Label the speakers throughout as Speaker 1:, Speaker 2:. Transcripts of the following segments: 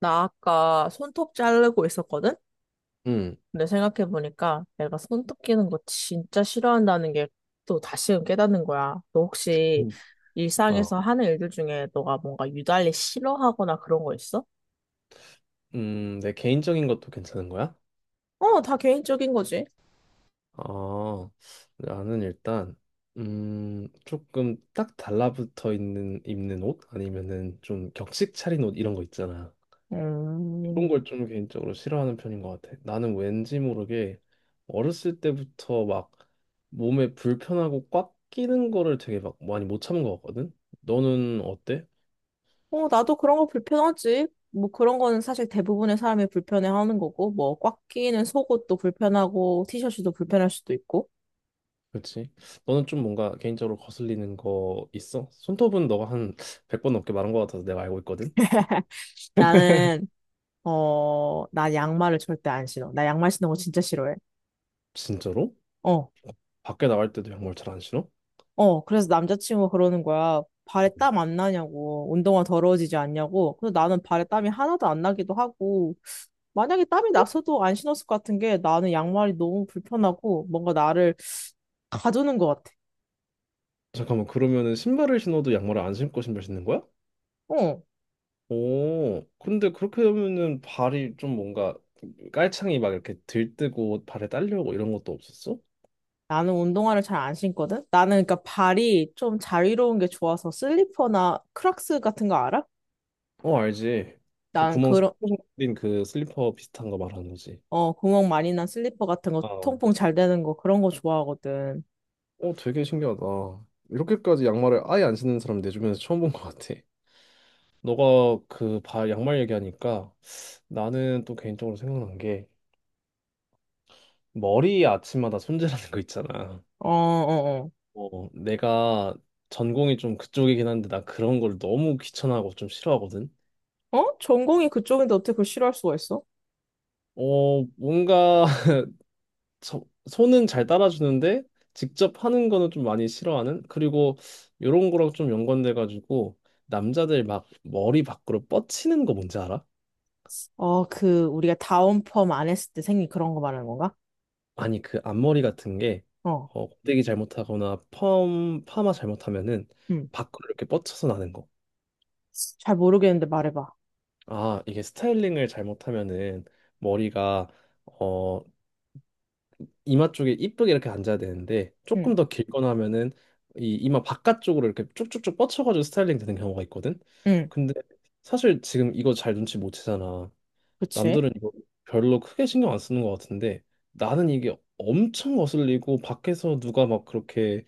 Speaker 1: 나 아까 손톱 자르고 있었거든?
Speaker 2: 음,
Speaker 1: 근데 생각해보니까 내가 손톱 끼는 거 진짜 싫어한다는 게 또 다시금 깨닫는 거야. 너 혹시
Speaker 2: 음.
Speaker 1: 일상에서
Speaker 2: 어,
Speaker 1: 하는 일들 중에 너가 뭔가 유달리 싫어하거나 그런 거 있어?
Speaker 2: 내 개인적인 것도 괜찮은 거야?
Speaker 1: 어, 다 개인적인 거지.
Speaker 2: 어, 나는 일단, 조금 딱 달라붙어 있는, 입는 옷? 아니면은 좀 격식 차린 옷 이런 거 있잖아. 그런
Speaker 1: 음,
Speaker 2: 걸 좀 개인적으로 싫어하는 편인 것 같아. 나는 왠지 모르게 어렸을 때부터 막 몸에 불편하고 꽉 끼는 거를 되게 막 많이 못 참은 것 같거든? 너는 어때?
Speaker 1: 나도 그런 거 불편하지. 뭐 그런 거는 사실 대부분의 사람이 불편해하는 거고, 뭐 꽉 끼는 속옷도 불편하고, 티셔츠도 불편할 수도 있고.
Speaker 2: 그렇지. 너는 좀 뭔가 개인적으로 거슬리는 거 있어? 손톱은 너가 한 100번 넘게 말한 거 같아서 내가 알고 있거든.
Speaker 1: 나는 나 양말을 절대 안 신어. 나 양말 신는 거 진짜 싫어해.
Speaker 2: 진짜로?
Speaker 1: 어,
Speaker 2: 밖에 나갈 때도 양말 잘 안 신어?
Speaker 1: 어. 그래서 남자친구가 그러는 거야. 발에
Speaker 2: 음.
Speaker 1: 땀 안 나냐고. 운동화 더러워지지 않냐고. 근데 나는 발에 땀이 하나도 안 나기도 하고. 만약에 땀이 났어도 안 신었을 것 같은 게 나는 양말이 너무 불편하고 뭔가 나를 가두는 것 같아.
Speaker 2: 잠깐만, 그러면은 신발을 신어도 양말을 안 신고 신발 신는 거야?
Speaker 1: 어.
Speaker 2: 오, 근데 그렇게 되면은 발이 좀 뭔가 깔창이 막 이렇게 들뜨고 발에 딸려오고 이런 것도 없었어?
Speaker 1: 나는 운동화를 잘 안 신거든? 나는 그러니까 발이 좀 자유로운 게 좋아서 슬리퍼나 크락스 같은 거 알아?
Speaker 2: 어, 알지. 그
Speaker 1: 난
Speaker 2: 구멍
Speaker 1: 그런
Speaker 2: 뚫린 그 슬리퍼 비슷한 거 말하는 거지.
Speaker 1: 구멍 많이 난 슬리퍼 같은 거,
Speaker 2: 아, 어,
Speaker 1: 통풍 잘 되는 거, 그런 거 좋아하거든.
Speaker 2: 되게 신기하다. 이렇게까지 양말을 아예 안 신는 사람 내 주변에서 처음 본 것 같아. 너가 그 바 양말 얘기하니까 나는 또 개인적으로 생각난 게 머리 아침마다 손질하는 거 있잖아.
Speaker 1: 어, 어,
Speaker 2: 어, 내가 전공이 좀 그쪽이긴 한데 나 그런 걸 너무 귀찮아하고 좀 싫어하거든.
Speaker 1: 어. 어? 전공이 그쪽인데 어떻게 그걸 싫어할 수가 있어?
Speaker 2: 어, 뭔가 손은 잘 따라주는데 직접 하는 거는 좀 많이 싫어하는? 그리고 이런 거랑 좀 연관돼 가지고 남자들 막 머리 밖으로 뻗치는 거 뭔지 알아?
Speaker 1: 어, 그, 우리가 다운펌 안 했을 때 생긴 그런 거 말하는 건가?
Speaker 2: 아니 그 앞머리 같은 게
Speaker 1: 어,
Speaker 2: 어, 고데기 잘못하거나 펌 파마 잘못하면은
Speaker 1: 음.
Speaker 2: 밖으로 이렇게 뻗쳐서 나는 거.
Speaker 1: 잘 모르겠는데 말해봐.
Speaker 2: 아 이게 스타일링을 잘못하면은 머리가 어 이마 쪽에 이쁘게 이렇게 앉아야 되는데
Speaker 1: 응,
Speaker 2: 조금 더 길거나 하면은 이 이마 바깥쪽으로 이렇게 쭉쭉쭉 뻗쳐가지고 스타일링 되는 경우가 있거든.
Speaker 1: 응,
Speaker 2: 근데 사실 지금 이거 잘 눈치 못 채잖아.
Speaker 1: 그치?
Speaker 2: 남들은 이거 별로 크게 신경 안 쓰는 것 같은데 나는 이게 엄청 거슬리고 밖에서 누가 막 그렇게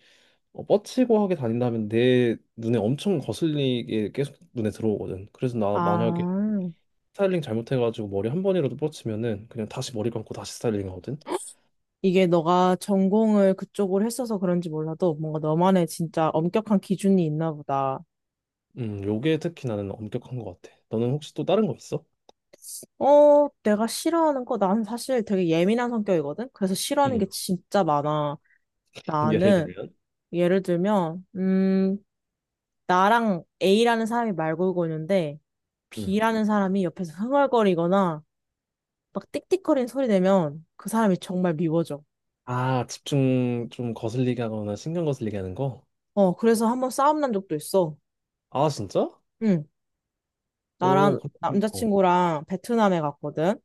Speaker 2: 어, 뻗치고 하게 다닌다면 내 눈에 엄청 거슬리게 계속 눈에 들어오거든. 그래서 나 만약에
Speaker 1: 아,
Speaker 2: 스타일링 잘못해가지고 머리 한 번이라도 뻗치면은 그냥 다시 머리 감고 다시 스타일링 하거든.
Speaker 1: 이게 너가 전공을 그쪽으로 했어서 그런지 몰라도 뭔가 너만의 진짜 엄격한 기준이 있나 보다.
Speaker 2: 요게 특히 나는 엄격한 것 같아. 너는 혹시 또 다른 거 있어?
Speaker 1: 내가 싫어하는 거, 나는 사실 되게 예민한 성격이거든? 그래서 싫어하는
Speaker 2: 음.
Speaker 1: 게 진짜 많아.
Speaker 2: 예를
Speaker 1: 나는
Speaker 2: 들면?
Speaker 1: 예를 들면, 나랑 A라는 사람이 말 걸고 있는데,
Speaker 2: 음.
Speaker 1: B라는 사람이 옆에서 흥얼거리거나, 막 띡띡거리는 소리 내면 그 사람이 정말 미워져.
Speaker 2: 아, 집중 좀 거슬리게 하거나 신경 거슬리게 하는 거?
Speaker 1: 그래서 한번 싸움 난 적도 있어.
Speaker 2: 아, 진짜?
Speaker 1: 응,
Speaker 2: 오,
Speaker 1: 나랑
Speaker 2: 그렇군. 어,
Speaker 1: 남자친구랑 베트남에 갔거든.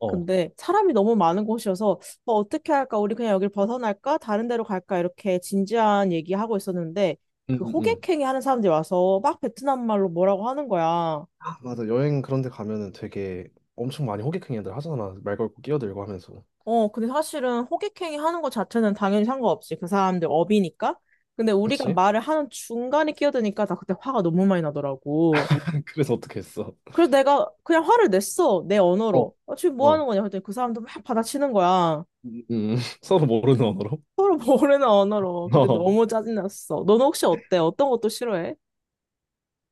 Speaker 2: 어.
Speaker 1: 근데 사람이 너무 많은 곳이어서, 뭐 어떻게 할까? 우리 그냥 여길 벗어날까? 다른 데로 갈까? 이렇게 진지한 얘기하고 있었는데,
Speaker 2: 음,
Speaker 1: 그
Speaker 2: 음, 음.
Speaker 1: 호객행위 하는 사람들이 와서 막 베트남 말로 뭐라고 하는 거야.
Speaker 2: 아, 맞아. 여행 그런 데 가면은 되게 엄청 많이 호객행위들 하잖아. 말 걸고 끼어들고 하면서.
Speaker 1: 근데 사실은 호객행위 하는 것 자체는 당연히 상관없지. 그 사람들 업이니까. 근데 우리가
Speaker 2: 그치?
Speaker 1: 말을 하는 중간에 끼어드니까 나 그때 화가 너무 많이 나더라고.
Speaker 2: 그래서 어떻게 했어?
Speaker 1: 그래서 내가 그냥 화를 냈어. 내
Speaker 2: 어,
Speaker 1: 언어로. 어, 지금 뭐
Speaker 2: 어.
Speaker 1: 하는 거냐? 그랬더니 그 사람도 막 받아치는 거야.
Speaker 2: 음, 음, 서로 모르는 언어로?
Speaker 1: 서로 모르는 언어로. 그때
Speaker 2: 어.
Speaker 1: 너무 짜증났어. 너는 혹시 어때? 어떤 것도 싫어해?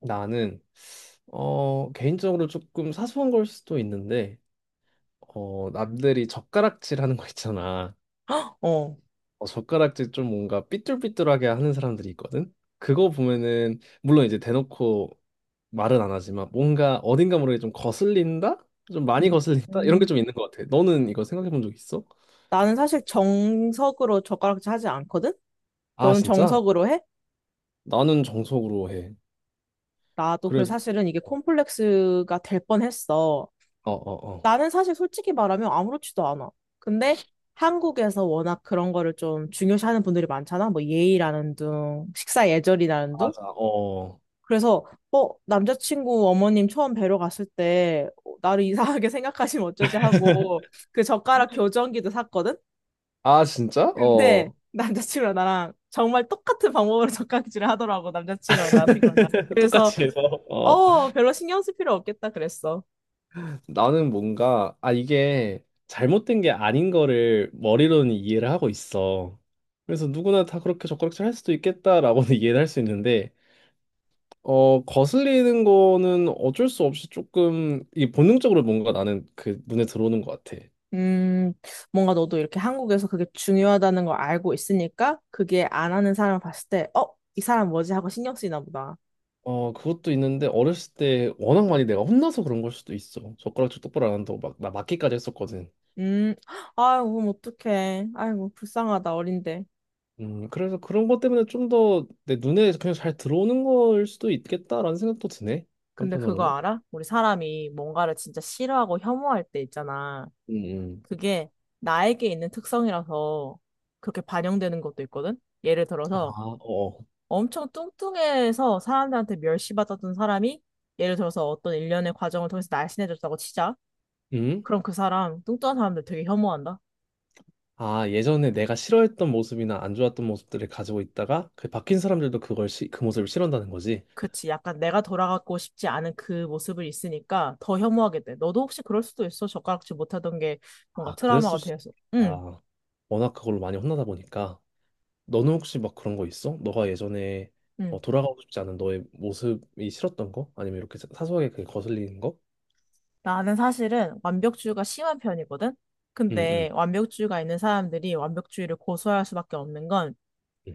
Speaker 2: 나는 어, 개인적으로 조금 사소한 걸 수도 있는데 어, 남들이 젓가락질 하는 거 있잖아.
Speaker 1: 어.
Speaker 2: 어, 젓가락질 좀 뭔가 삐뚤삐뚤하게 하는 사람들이 있거든. 그거 보면은 물론 이제 대놓고 말은 안 하지만 뭔가 어딘가 모르게 좀 거슬린다? 좀
Speaker 1: 음.
Speaker 2: 많이 거슬린다? 이런 게
Speaker 1: 음.
Speaker 2: 좀 있는 것 같아. 너는 이거 생각해 본 적 있어?
Speaker 1: 나는 사실 정석으로 젓가락질 하지 않거든?
Speaker 2: 아,
Speaker 1: 너는
Speaker 2: 진짜?
Speaker 1: 정석으로 해?
Speaker 2: 나는 정석으로 해.
Speaker 1: 나도
Speaker 2: 그래서
Speaker 1: 그래서 사실은 이게 콤플렉스가 될 뻔했어.
Speaker 2: 어, 어, 어.
Speaker 1: 나는 사실 솔직히 말하면 아무렇지도 않아. 근데 한국에서 워낙 그런 거를 좀 중요시하는 분들이 많잖아. 뭐 예의라는 둥, 식사 예절이라는 둥.
Speaker 2: 맞아. 어.
Speaker 1: 그래서 어, 남자친구 어머님 처음 뵈러 갔을 때 어, 나를 이상하게 생각하시면 어쩌지 하고 그 젓가락 교정기도 샀거든.
Speaker 2: 아, 진짜?
Speaker 1: 근데
Speaker 2: 어.
Speaker 1: 남자친구랑 나랑 정말 똑같은 방법으로 젓가락질을 하더라고 남자친구랑 나랑. 그래서
Speaker 2: 똑같이 해서. 어.
Speaker 1: 별로 신경 쓸 필요 없겠다 그랬어.
Speaker 2: 나는 뭔가, 아, 이게 잘못된 게 아닌 거를 머리로는 이해를 하고 있어. 그래서 누구나 다 그렇게 젓가락질 할 수도 있겠다라고는 이해를 할 수 있는데, 어, 거슬리는 거는 어쩔 수 없이 조금, 이 본능적으로 뭔가 나는 그 눈에 들어오는 것 같아.
Speaker 1: 음, 뭔가 너도 이렇게 한국에서 그게 중요하다는 걸 알고 있으니까 그게 안 하는 사람을 봤을 때, 어, 이 사람 뭐지? 하고 신경 쓰이나 보다.
Speaker 2: 어, 그것도 있는데, 어렸을 때 워낙 많이 내가 혼나서 그런 걸 수도 있어. 젓가락질 똑바로 안 한다고 막, 나 맞기까지 했었거든.
Speaker 1: 음, 아이고, 그럼 어떡해. 아이고, 불쌍하다, 어린데.
Speaker 2: 그래서 그런 것 때문에 좀 더 내 눈에 그냥 잘 들어오는 걸 수도 있겠다라는 생각도 드네.
Speaker 1: 근데 그거
Speaker 2: 한편으로는.
Speaker 1: 알아? 우리 사람이 뭔가를 진짜 싫어하고 혐오할 때 있잖아.
Speaker 2: 음, 음.
Speaker 1: 그게 나에게 있는 특성이라서 그렇게 반영되는 것도 있거든? 예를
Speaker 2: 아,
Speaker 1: 들어서
Speaker 2: 어.
Speaker 1: 엄청 뚱뚱해서 사람들한테 멸시받았던 사람이 예를 들어서 어떤 일련의 과정을 통해서 날씬해졌다고 치자.
Speaker 2: 음?
Speaker 1: 그럼 그 사람 뚱뚱한 사람들 되게 혐오한다?
Speaker 2: 아, 예전에 내가 싫어했던 모습이나 안 좋았던 모습들을 가지고 있다가 그 바뀐 사람들도 그걸 그 모습을 싫어한다는 거지.
Speaker 1: 그치. 약간 내가 돌아가고 싶지 않은 그 모습을 있으니까 더 혐오하게 돼. 너도 혹시 그럴 수도 있어? 젓가락질 못하던 게 뭔가
Speaker 2: 아, 그랬을
Speaker 1: 트라우마가
Speaker 2: 수도
Speaker 1: 되어서. 응,
Speaker 2: 있다. 워낙 그걸로 많이 혼나다 보니까. 너는 혹시 막 그런 거 있어? 너가 예전에 어,
Speaker 1: 응.
Speaker 2: 돌아가고 싶지 않은 너의 모습이 싫었던 거? 아니면 이렇게 사소하게 그게 거슬리는 거?
Speaker 1: 나는 사실은 완벽주의가 심한 편이거든?
Speaker 2: 응응
Speaker 1: 근데 완벽주의가 있는 사람들이 완벽주의를 고수할 수밖에 없는 건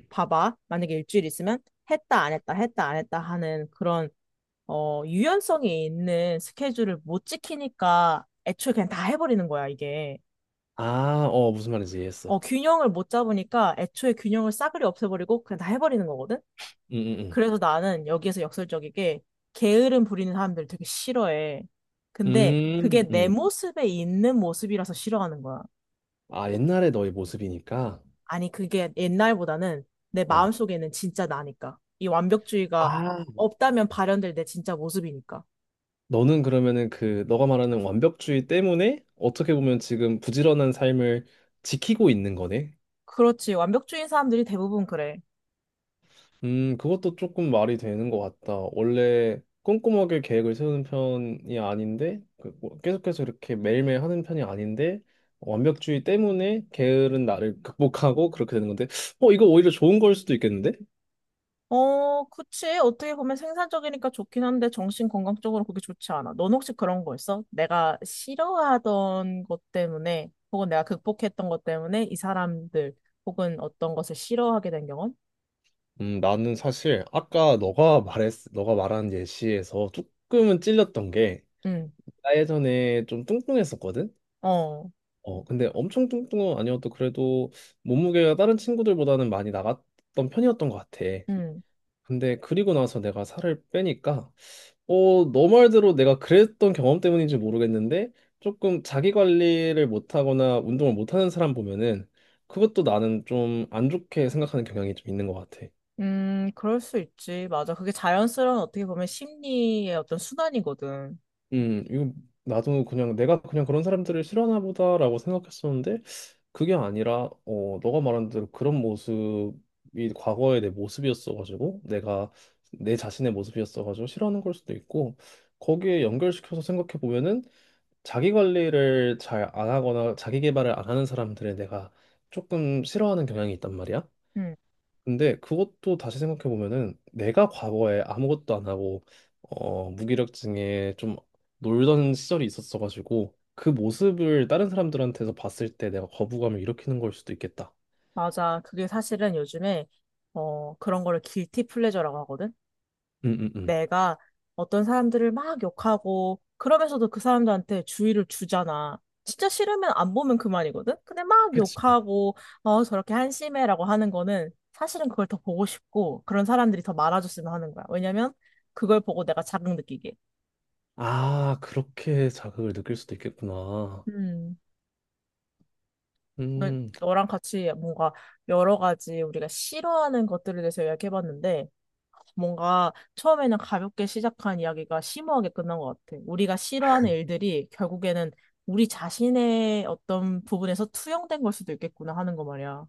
Speaker 1: 봐봐. 만약에 일주일 있으면 했다, 안 했다, 했다, 안 했다 하는 그런 유연성이 있는 스케줄을 못 지키니까 애초에 그냥 다 해버리는 거야, 이게.
Speaker 2: 아, 어, 무슨 말인지 이해했어.
Speaker 1: 균형을 못 잡으니까 애초에 균형을 싸그리 없애버리고 그냥 다 해버리는 거거든?
Speaker 2: 음, 음,
Speaker 1: 그래서 나는 여기에서 역설적이게 게으름 부리는 사람들 되게 싫어해. 근데
Speaker 2: 음.
Speaker 1: 그게
Speaker 2: 음,
Speaker 1: 내
Speaker 2: 음.
Speaker 1: 모습에 있는 모습이라서 싫어하는 거야.
Speaker 2: 아, 옛날의 너의 모습이니까.
Speaker 1: 아니, 그게 옛날보다는 내
Speaker 2: 어.
Speaker 1: 마음속에는 진짜 나니까. 이 완벽주의가
Speaker 2: 아,
Speaker 1: 없다면 발현될 내 진짜 모습이니까.
Speaker 2: 너는 그러면은 그 너가 말하는 완벽주의 때문에 어떻게 보면 지금 부지런한 삶을 지키고 있는 거네.
Speaker 1: 그렇지. 완벽주의인 사람들이 대부분 그래.
Speaker 2: 그것도 조금 말이 되는 것 같다. 원래 꼼꼼하게 계획을 세우는 편이 아닌데 그뭐 계속해서 이렇게 매일매일 하는 편이 아닌데 완벽주의 때문에 게으른 나를 극복하고 그렇게 되는 건데, 어, 이거 오히려 좋은 걸 수도 있겠는데?
Speaker 1: 어, 그치. 어떻게 보면 생산적이니까 좋긴 한데 정신 건강적으로 그게 좋지 않아. 넌 혹시 그런 거 있어? 내가 싫어하던 것 때문에 혹은 내가 극복했던 것 때문에 이 사람들 혹은 어떤 것을 싫어하게 된 경험?
Speaker 2: 나는 사실 아까 너가 말한 예시에서 조금은 찔렸던 게,
Speaker 1: 응,
Speaker 2: 나 예전에 좀 뚱뚱했었거든?
Speaker 1: 어,
Speaker 2: 어, 근데 엄청 뚱뚱은 아니어도 그래도 몸무게가 다른 친구들보다는 많이 나갔던 편이었던 것 같아.
Speaker 1: 응.
Speaker 2: 근데 그리고 나서 내가 살을 빼니까, 어, 너 말대로 내가 그랬던 경험 때문인지 모르겠는데, 조금 자기 관리를 못하거나 운동을 못하는 사람 보면은, 그것도 나는 좀 안 좋게 생각하는 경향이 좀 있는 것 같아.
Speaker 1: 그럴 수 있지. 맞아. 그게 자연스러운 어떻게 보면 심리의 어떤 순환이거든.
Speaker 2: 이거 나도 그냥 내가 그냥 그런 사람들을 싫어하나 보다라고 생각했었는데 그게 아니라 어 너가 말한 대로 그런 모습이 과거의 내 모습이었어가지고 내가 내 자신의 모습이었어가지고 싫어하는 걸 수도 있고 거기에 연결시켜서 생각해 보면은 자기 관리를 잘 안 하거나 자기 개발을 안 하는 사람들을 내가 조금 싫어하는 경향이 있단 말이야.
Speaker 1: 응,
Speaker 2: 근데 그것도 다시 생각해 보면은 내가 과거에 아무것도 안 하고 어 무기력증에 좀 놀던 시절이 있었어 가지고 그 모습을 다른 사람들한테서 봤을 때 내가 거부감을 일으키는 걸 수도 있겠다.
Speaker 1: 맞아. 그게 사실은 요즘에 그런 거를 길티 플레저라고 하거든.
Speaker 2: 응응응.
Speaker 1: 내가 어떤 사람들을 막 욕하고 그러면서도 그 사람들한테 주의를 주잖아. 진짜 싫으면 안 보면 그만이거든? 근데 막
Speaker 2: 그치.
Speaker 1: 욕하고 저렇게 한심해라고 하는 거는 사실은 그걸 더 보고 싶고 그런 사람들이 더 많아졌으면 하는 거야. 왜냐면 그걸 보고 내가 자극 느끼게.
Speaker 2: 아, 그렇게 자극을 느낄 수도 있겠구나.
Speaker 1: 음. 너-
Speaker 2: 음.
Speaker 1: 너랑 같이 뭔가 여러 가지 우리가 싫어하는 것들에 대해서 이야기해봤는데 뭔가 처음에는 가볍게 시작한 이야기가 심오하게 끝난 것 같아. 우리가 싫어하는 일들이 결국에는 우리 자신의 어떤 부분에서 투영된 걸 수도 있겠구나 하는 거 말이야.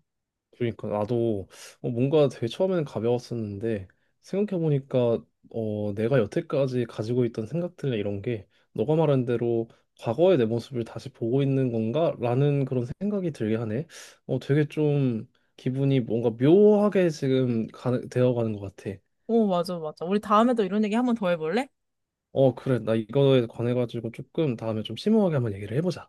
Speaker 2: 그러니까 나도 어, 뭔가 되게 처음에는 가벼웠었는데 생각해보니까 어, 내가 여태까지 가지고 있던 생각들이나 이런 게 너가 말한 대로 과거의 내 모습을 다시 보고 있는 건가? 라는 그런 생각이 들게 하네. 어, 되게 좀 기분이 뭔가 묘하게 지금 되어가는 것 같아.
Speaker 1: 오, 맞아, 맞아. 우리 다음에 또 이런 얘기 한번 더 해볼래?
Speaker 2: 어, 그래. 나 이거에 관해가지고 조금 다음에 좀 심오하게 한번 얘기를 해보자.